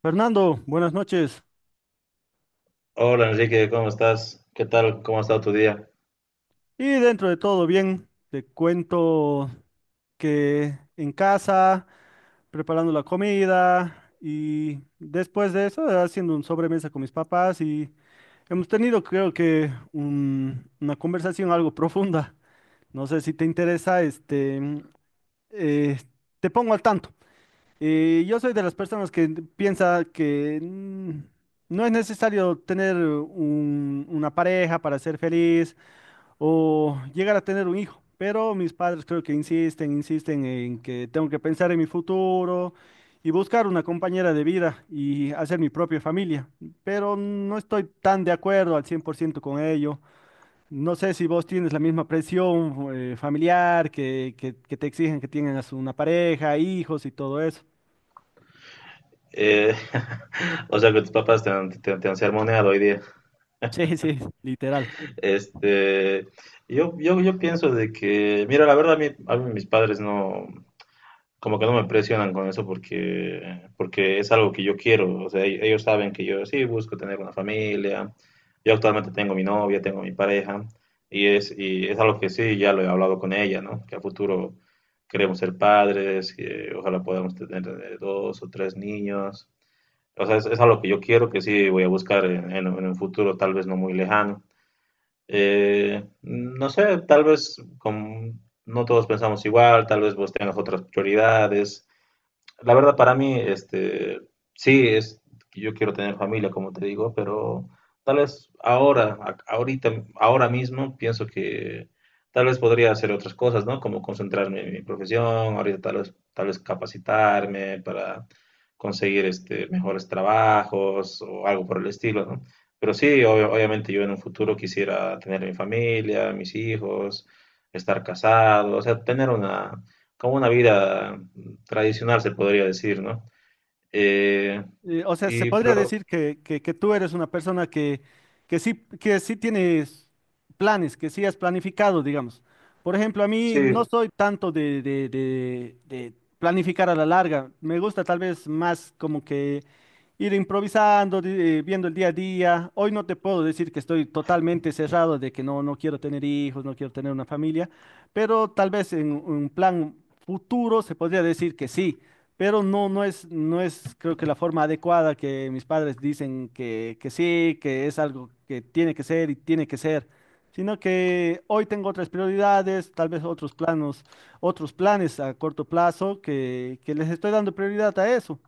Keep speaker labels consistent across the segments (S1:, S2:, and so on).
S1: Fernando, buenas noches.
S2: Hola Enrique, ¿cómo estás? ¿Qué tal? ¿Cómo ha estado tu día?
S1: Y dentro de todo bien, te cuento que en casa, preparando la comida y después de eso, haciendo un sobremesa con mis papás y hemos tenido creo que una conversación algo profunda. No sé si te interesa, eh, te pongo al tanto. Yo soy de las personas que piensa que no es necesario tener una pareja para ser feliz o llegar a tener un hijo. Pero mis padres creo que insisten en que tengo que pensar en mi futuro y buscar una compañera de vida y hacer mi propia familia. Pero no estoy tan de acuerdo al 100% con ello. No sé si vos tienes la misma presión familiar que te exigen que tengas una pareja, hijos y todo eso.
S2: Eh, o sea que tus papás te han, te han sermoneado hoy día.
S1: Sí, sí, literal.
S2: Este, yo pienso de que, mira, la verdad a mí mis padres no, como que no me presionan con eso porque, porque es algo que yo quiero. O sea, ellos saben que yo sí busco tener una familia. Yo actualmente tengo mi novia, tengo mi pareja y es algo que sí, ya lo he hablado con ella, ¿no? Que a futuro queremos ser padres, que ojalá podamos tener dos o tres niños. O sea, es algo que yo quiero, que sí voy a buscar en un futuro tal vez no muy lejano. No sé, tal vez no todos pensamos igual, tal vez vos tengas otras prioridades. La verdad para mí, sí, que yo quiero tener familia, como te digo, pero tal vez ahora, ahorita, ahora mismo, pienso que tal vez podría hacer otras cosas, ¿no? Como concentrarme en mi profesión, ahorita tal vez capacitarme para conseguir este, mejores trabajos o algo por el estilo, ¿no? Pero sí, obviamente yo en un futuro quisiera tener mi familia, mis hijos, estar casado, o sea, tener una, como una vida tradicional, se podría decir, ¿no? Eh,
S1: O sea, se
S2: y,
S1: podría
S2: pero
S1: decir que, que tú eres una persona que sí tienes planes, que sí has planificado, digamos. Por ejemplo, a mí no
S2: sí,
S1: soy tanto de, de planificar a la larga. Me gusta tal vez más como que ir improvisando, viendo el día a día. Hoy no te puedo decir que estoy totalmente cerrado de que no, no quiero tener hijos, no quiero tener una familia, pero tal vez en un plan futuro se podría decir que sí, pero no, no es, creo que la forma adecuada que mis padres dicen que sí, que es algo que tiene que ser y tiene que ser, sino que hoy tengo otras prioridades, tal vez otros planos, otros planes a corto plazo que les estoy dando prioridad a eso.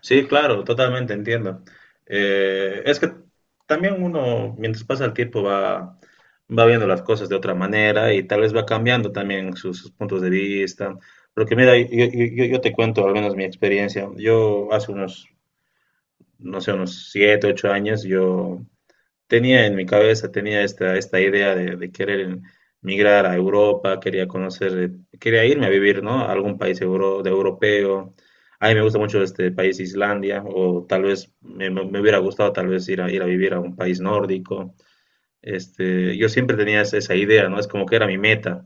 S2: sí, claro, totalmente entiendo. Es que también uno, mientras pasa el tiempo, va viendo las cosas de otra manera y tal vez va cambiando también sus, sus puntos de vista. Porque mira, yo te cuento al menos mi experiencia. Yo hace unos, no sé, unos siete, ocho años, yo tenía en mi cabeza, tenía esta idea de querer migrar a Europa, quería conocer, quería irme a vivir, ¿no? A algún país de europeo. A mí me gusta mucho este país Islandia, o tal vez me hubiera gustado tal vez ir a, ir a vivir a un país nórdico. Este, yo siempre tenía esa idea, ¿no? Es como que era mi meta.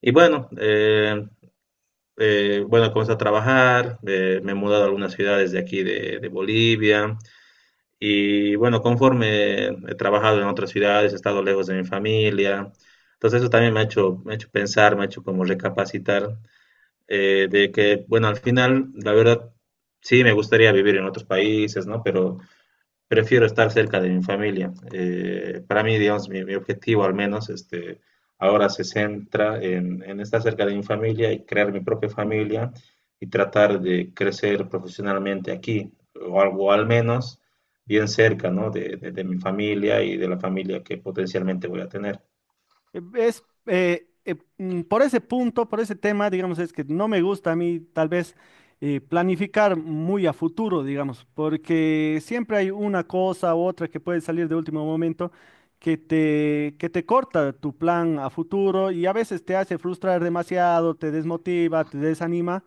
S2: Y bueno, bueno, comencé a trabajar, me he mudado a algunas ciudades de aquí de Bolivia, y bueno, conforme he trabajado en otras ciudades, he estado lejos de mi familia. Entonces eso también me ha hecho pensar, me ha hecho como recapacitar de que, bueno, al final, la verdad, sí me gustaría vivir en otros países, ¿no? Pero prefiero estar cerca de mi familia. Para mí, digamos, mi objetivo al menos este, ahora se centra en estar cerca de mi familia y crear mi propia familia y tratar de crecer profesionalmente aquí, o al menos bien cerca, ¿no? De mi familia y de la familia que potencialmente voy a tener.
S1: Por ese punto, por ese tema, digamos, es que no me gusta a mí tal vez planificar muy a futuro, digamos, porque siempre hay una cosa u otra que puede salir de último momento que te corta tu plan a futuro y a veces te hace frustrar demasiado, te desmotiva, te desanima.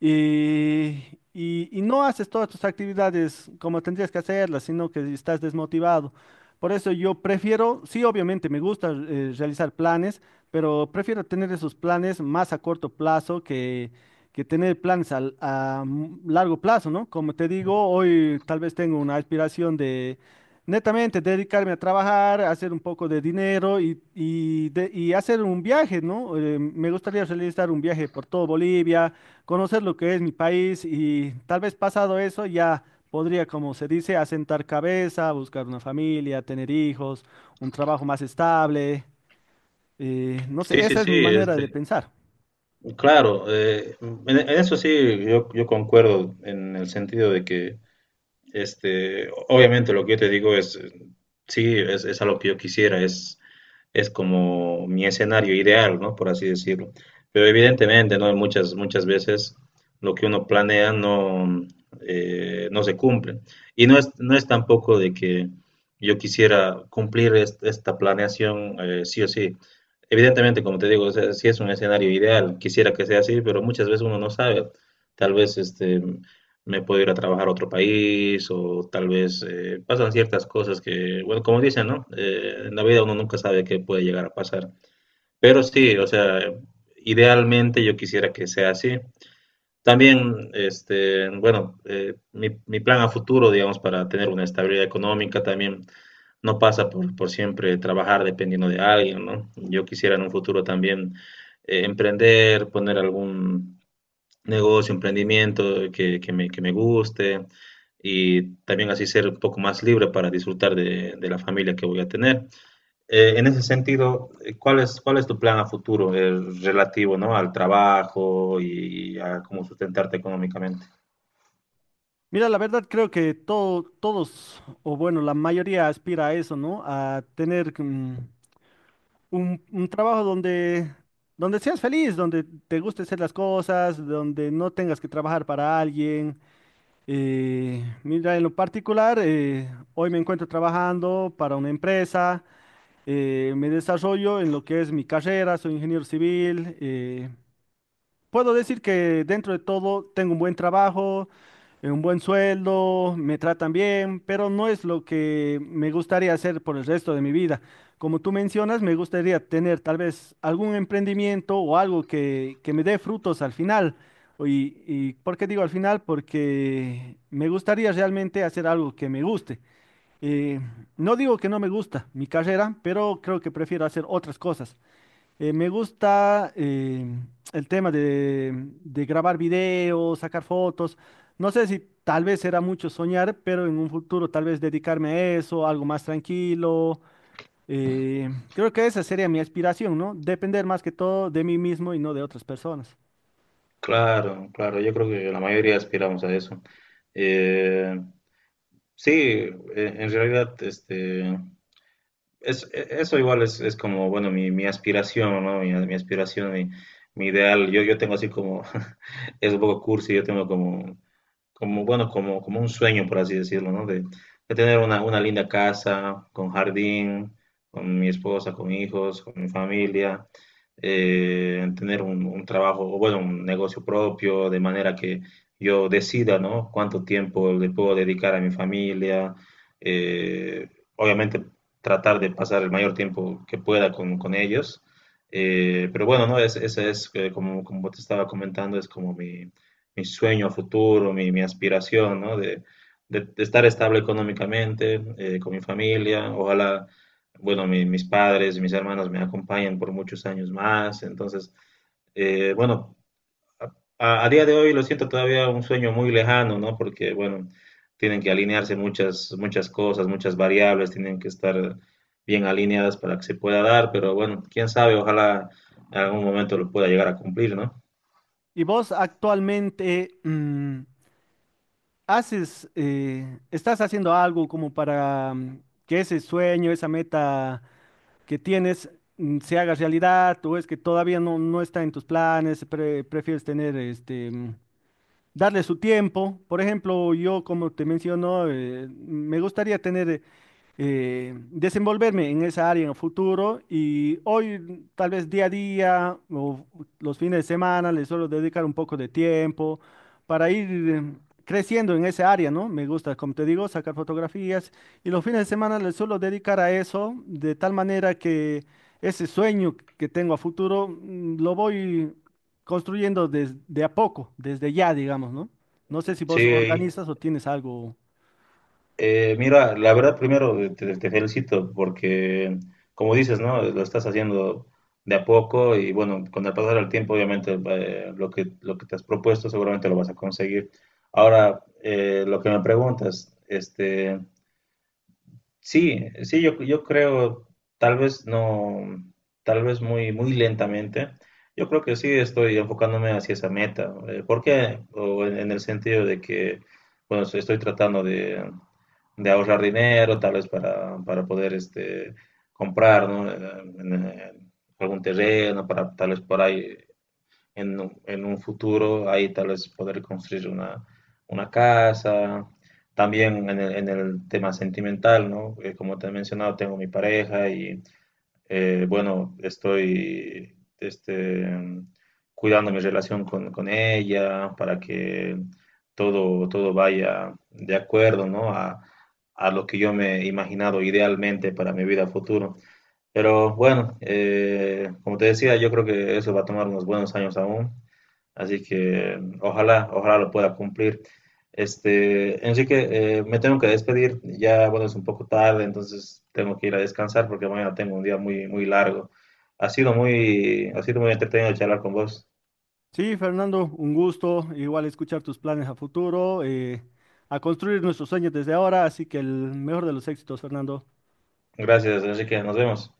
S1: Y, y no haces todas tus actividades como tendrías que hacerlas, sino que estás desmotivado. Por eso yo prefiero, sí, obviamente me gusta realizar planes, pero prefiero tener esos planes más a corto plazo que tener planes largo plazo, ¿no? Como te digo, hoy tal vez tengo una aspiración de netamente dedicarme a trabajar, hacer un poco de dinero y, y hacer un viaje, ¿no? Me gustaría realizar un viaje por todo Bolivia, conocer lo que es mi país y tal vez pasado eso ya podría, como se dice, asentar cabeza, buscar una familia, tener hijos, un trabajo más estable. No
S2: Sí,
S1: sé,
S2: sí,
S1: esa es
S2: sí,
S1: mi manera
S2: este,
S1: de pensar.
S2: claro, en eso sí, yo concuerdo en el sentido de que este, obviamente lo que yo te digo es, sí, es a lo que yo quisiera, es como mi escenario ideal, ¿no? Por así decirlo. Pero evidentemente, ¿no? Muchas veces lo que uno planea no, no se cumple. Y no es tampoco de que yo quisiera cumplir esta planeación sí o sí. Evidentemente, como te digo, o sea, sí es un escenario ideal, quisiera que sea así, pero muchas veces uno no sabe. Tal vez este, me puedo ir a trabajar a otro país o tal vez pasan ciertas cosas que, bueno, como dicen, ¿no? En la vida uno nunca sabe qué puede llegar a pasar. Pero sí, o sea, idealmente yo quisiera que sea así. También, este, bueno, mi plan a futuro, digamos, para tener una estabilidad económica también no pasa por siempre trabajar dependiendo de alguien, ¿no? Yo quisiera en un futuro también emprender, poner algún negocio, emprendimiento que me guste y también así ser un poco más libre para disfrutar de la familia que voy a tener. En ese sentido, ¿cuál es tu plan a futuro relativo, ¿no? al trabajo y a cómo sustentarte económicamente?
S1: Mira, la verdad creo que todos, o bueno, la mayoría aspira a eso, ¿no? A tener un trabajo donde, donde seas feliz, donde te guste hacer las cosas, donde no tengas que trabajar para alguien. Mira, en lo particular, hoy me encuentro trabajando para una empresa, me desarrollo en lo que es mi carrera, soy ingeniero civil. Puedo decir que dentro de todo tengo un buen trabajo, un buen sueldo, me tratan bien, pero no es lo que me gustaría hacer por el resto de mi vida. Como tú mencionas, me gustaría tener tal vez algún emprendimiento o algo que me dé frutos al final. Y, ¿y por qué digo al final? Porque me gustaría realmente hacer algo que me guste. Eh, no digo que no me gusta mi carrera, pero creo que prefiero hacer otras cosas. Me gusta el tema de grabar videos, sacar fotos. No sé si tal vez será mucho soñar, pero en un futuro tal vez dedicarme a eso, algo más tranquilo. Creo que esa sería mi aspiración, ¿no? Depender más que todo de mí mismo y no de otras personas.
S2: Claro, claro, yo creo que la mayoría aspiramos a eso. Eh, sí, en realidad, este, eso igual es como, bueno, mi aspiración, ¿no? Mi aspiración, mi ideal. Yo tengo así como, es un poco cursi, yo tengo como como, bueno, como, como un sueño, por así decirlo, ¿no? De tener una linda casa, con jardín, con mi esposa, con hijos, con mi familia, tener un trabajo, o bueno, un negocio propio, de manera que yo decida, ¿no? Cuánto tiempo le puedo dedicar a mi familia, eh, obviamente tratar de pasar el mayor tiempo que pueda con ellos. Pero bueno, no, ese es como, como te estaba comentando, es como mi sueño futuro, mi aspiración, ¿no? De, de estar estable económicamente, con mi familia. Ojalá, bueno, mis padres y mis hermanos me acompañen por muchos años más. Entonces, bueno, a día de hoy lo siento todavía un sueño muy lejano, ¿no? Porque, bueno, tienen que alinearse muchas cosas, muchas variables, tienen que estar bien alineadas para que se pueda dar, pero bueno, quién sabe, ojalá en algún momento lo pueda llegar a cumplir, ¿no?
S1: ¿Y vos actualmente haces, estás haciendo algo como para que ese sueño, esa meta que tienes se haga realidad o es que todavía no, no está en tus planes, prefieres tener darle su tiempo? Por ejemplo, yo como te menciono, me gustaría tener desenvolverme en esa área en el futuro y hoy tal vez día a día o los fines de semana les suelo dedicar un poco de tiempo para ir creciendo en esa área, ¿no? Me gusta, como te digo, sacar fotografías y los fines de semana les suelo dedicar a eso de tal manera que ese sueño que tengo a futuro lo voy construyendo desde de a poco, desde ya, digamos, ¿no? No sé si vos
S2: Sí,
S1: organizas o tienes algo.
S2: eh, mira, la verdad, primero te felicito porque, como dices, ¿no? Lo estás haciendo de a poco y bueno, con el pasar del tiempo, obviamente, lo que te has propuesto seguramente lo vas a conseguir. Ahora, lo que me preguntas, este, sí, sí, yo creo, tal vez no, tal vez muy lentamente, yo creo que sí estoy enfocándome hacia esa meta. ¿Por qué? O en el sentido de que, bueno, estoy tratando de ahorrar dinero, tal vez para poder este, comprar ¿no? En algún terreno, para tal vez por ahí en, en un futuro, ahí tal vez poder construir una casa. También en el tema sentimental, ¿no? Como te he mencionado, tengo mi pareja y bueno, estoy este, cuidando mi relación con ella para que todo vaya de acuerdo, ¿no? A lo que yo me he imaginado idealmente para mi vida futuro. Pero bueno, como te decía, yo creo que eso va a tomar unos buenos años aún. Así que ojalá, ojalá lo pueda cumplir. Este, Enrique, me tengo que despedir. Ya, bueno, es un poco tarde, entonces tengo que ir a descansar porque mañana tengo un día muy, muy largo. Ha sido muy entretenido charlar con vos.
S1: Sí, Fernando, un gusto igual escuchar tus planes a futuro, a construir nuestros sueños desde ahora, así que el mejor de los éxitos, Fernando.
S2: Gracias, Enrique. Nos vemos.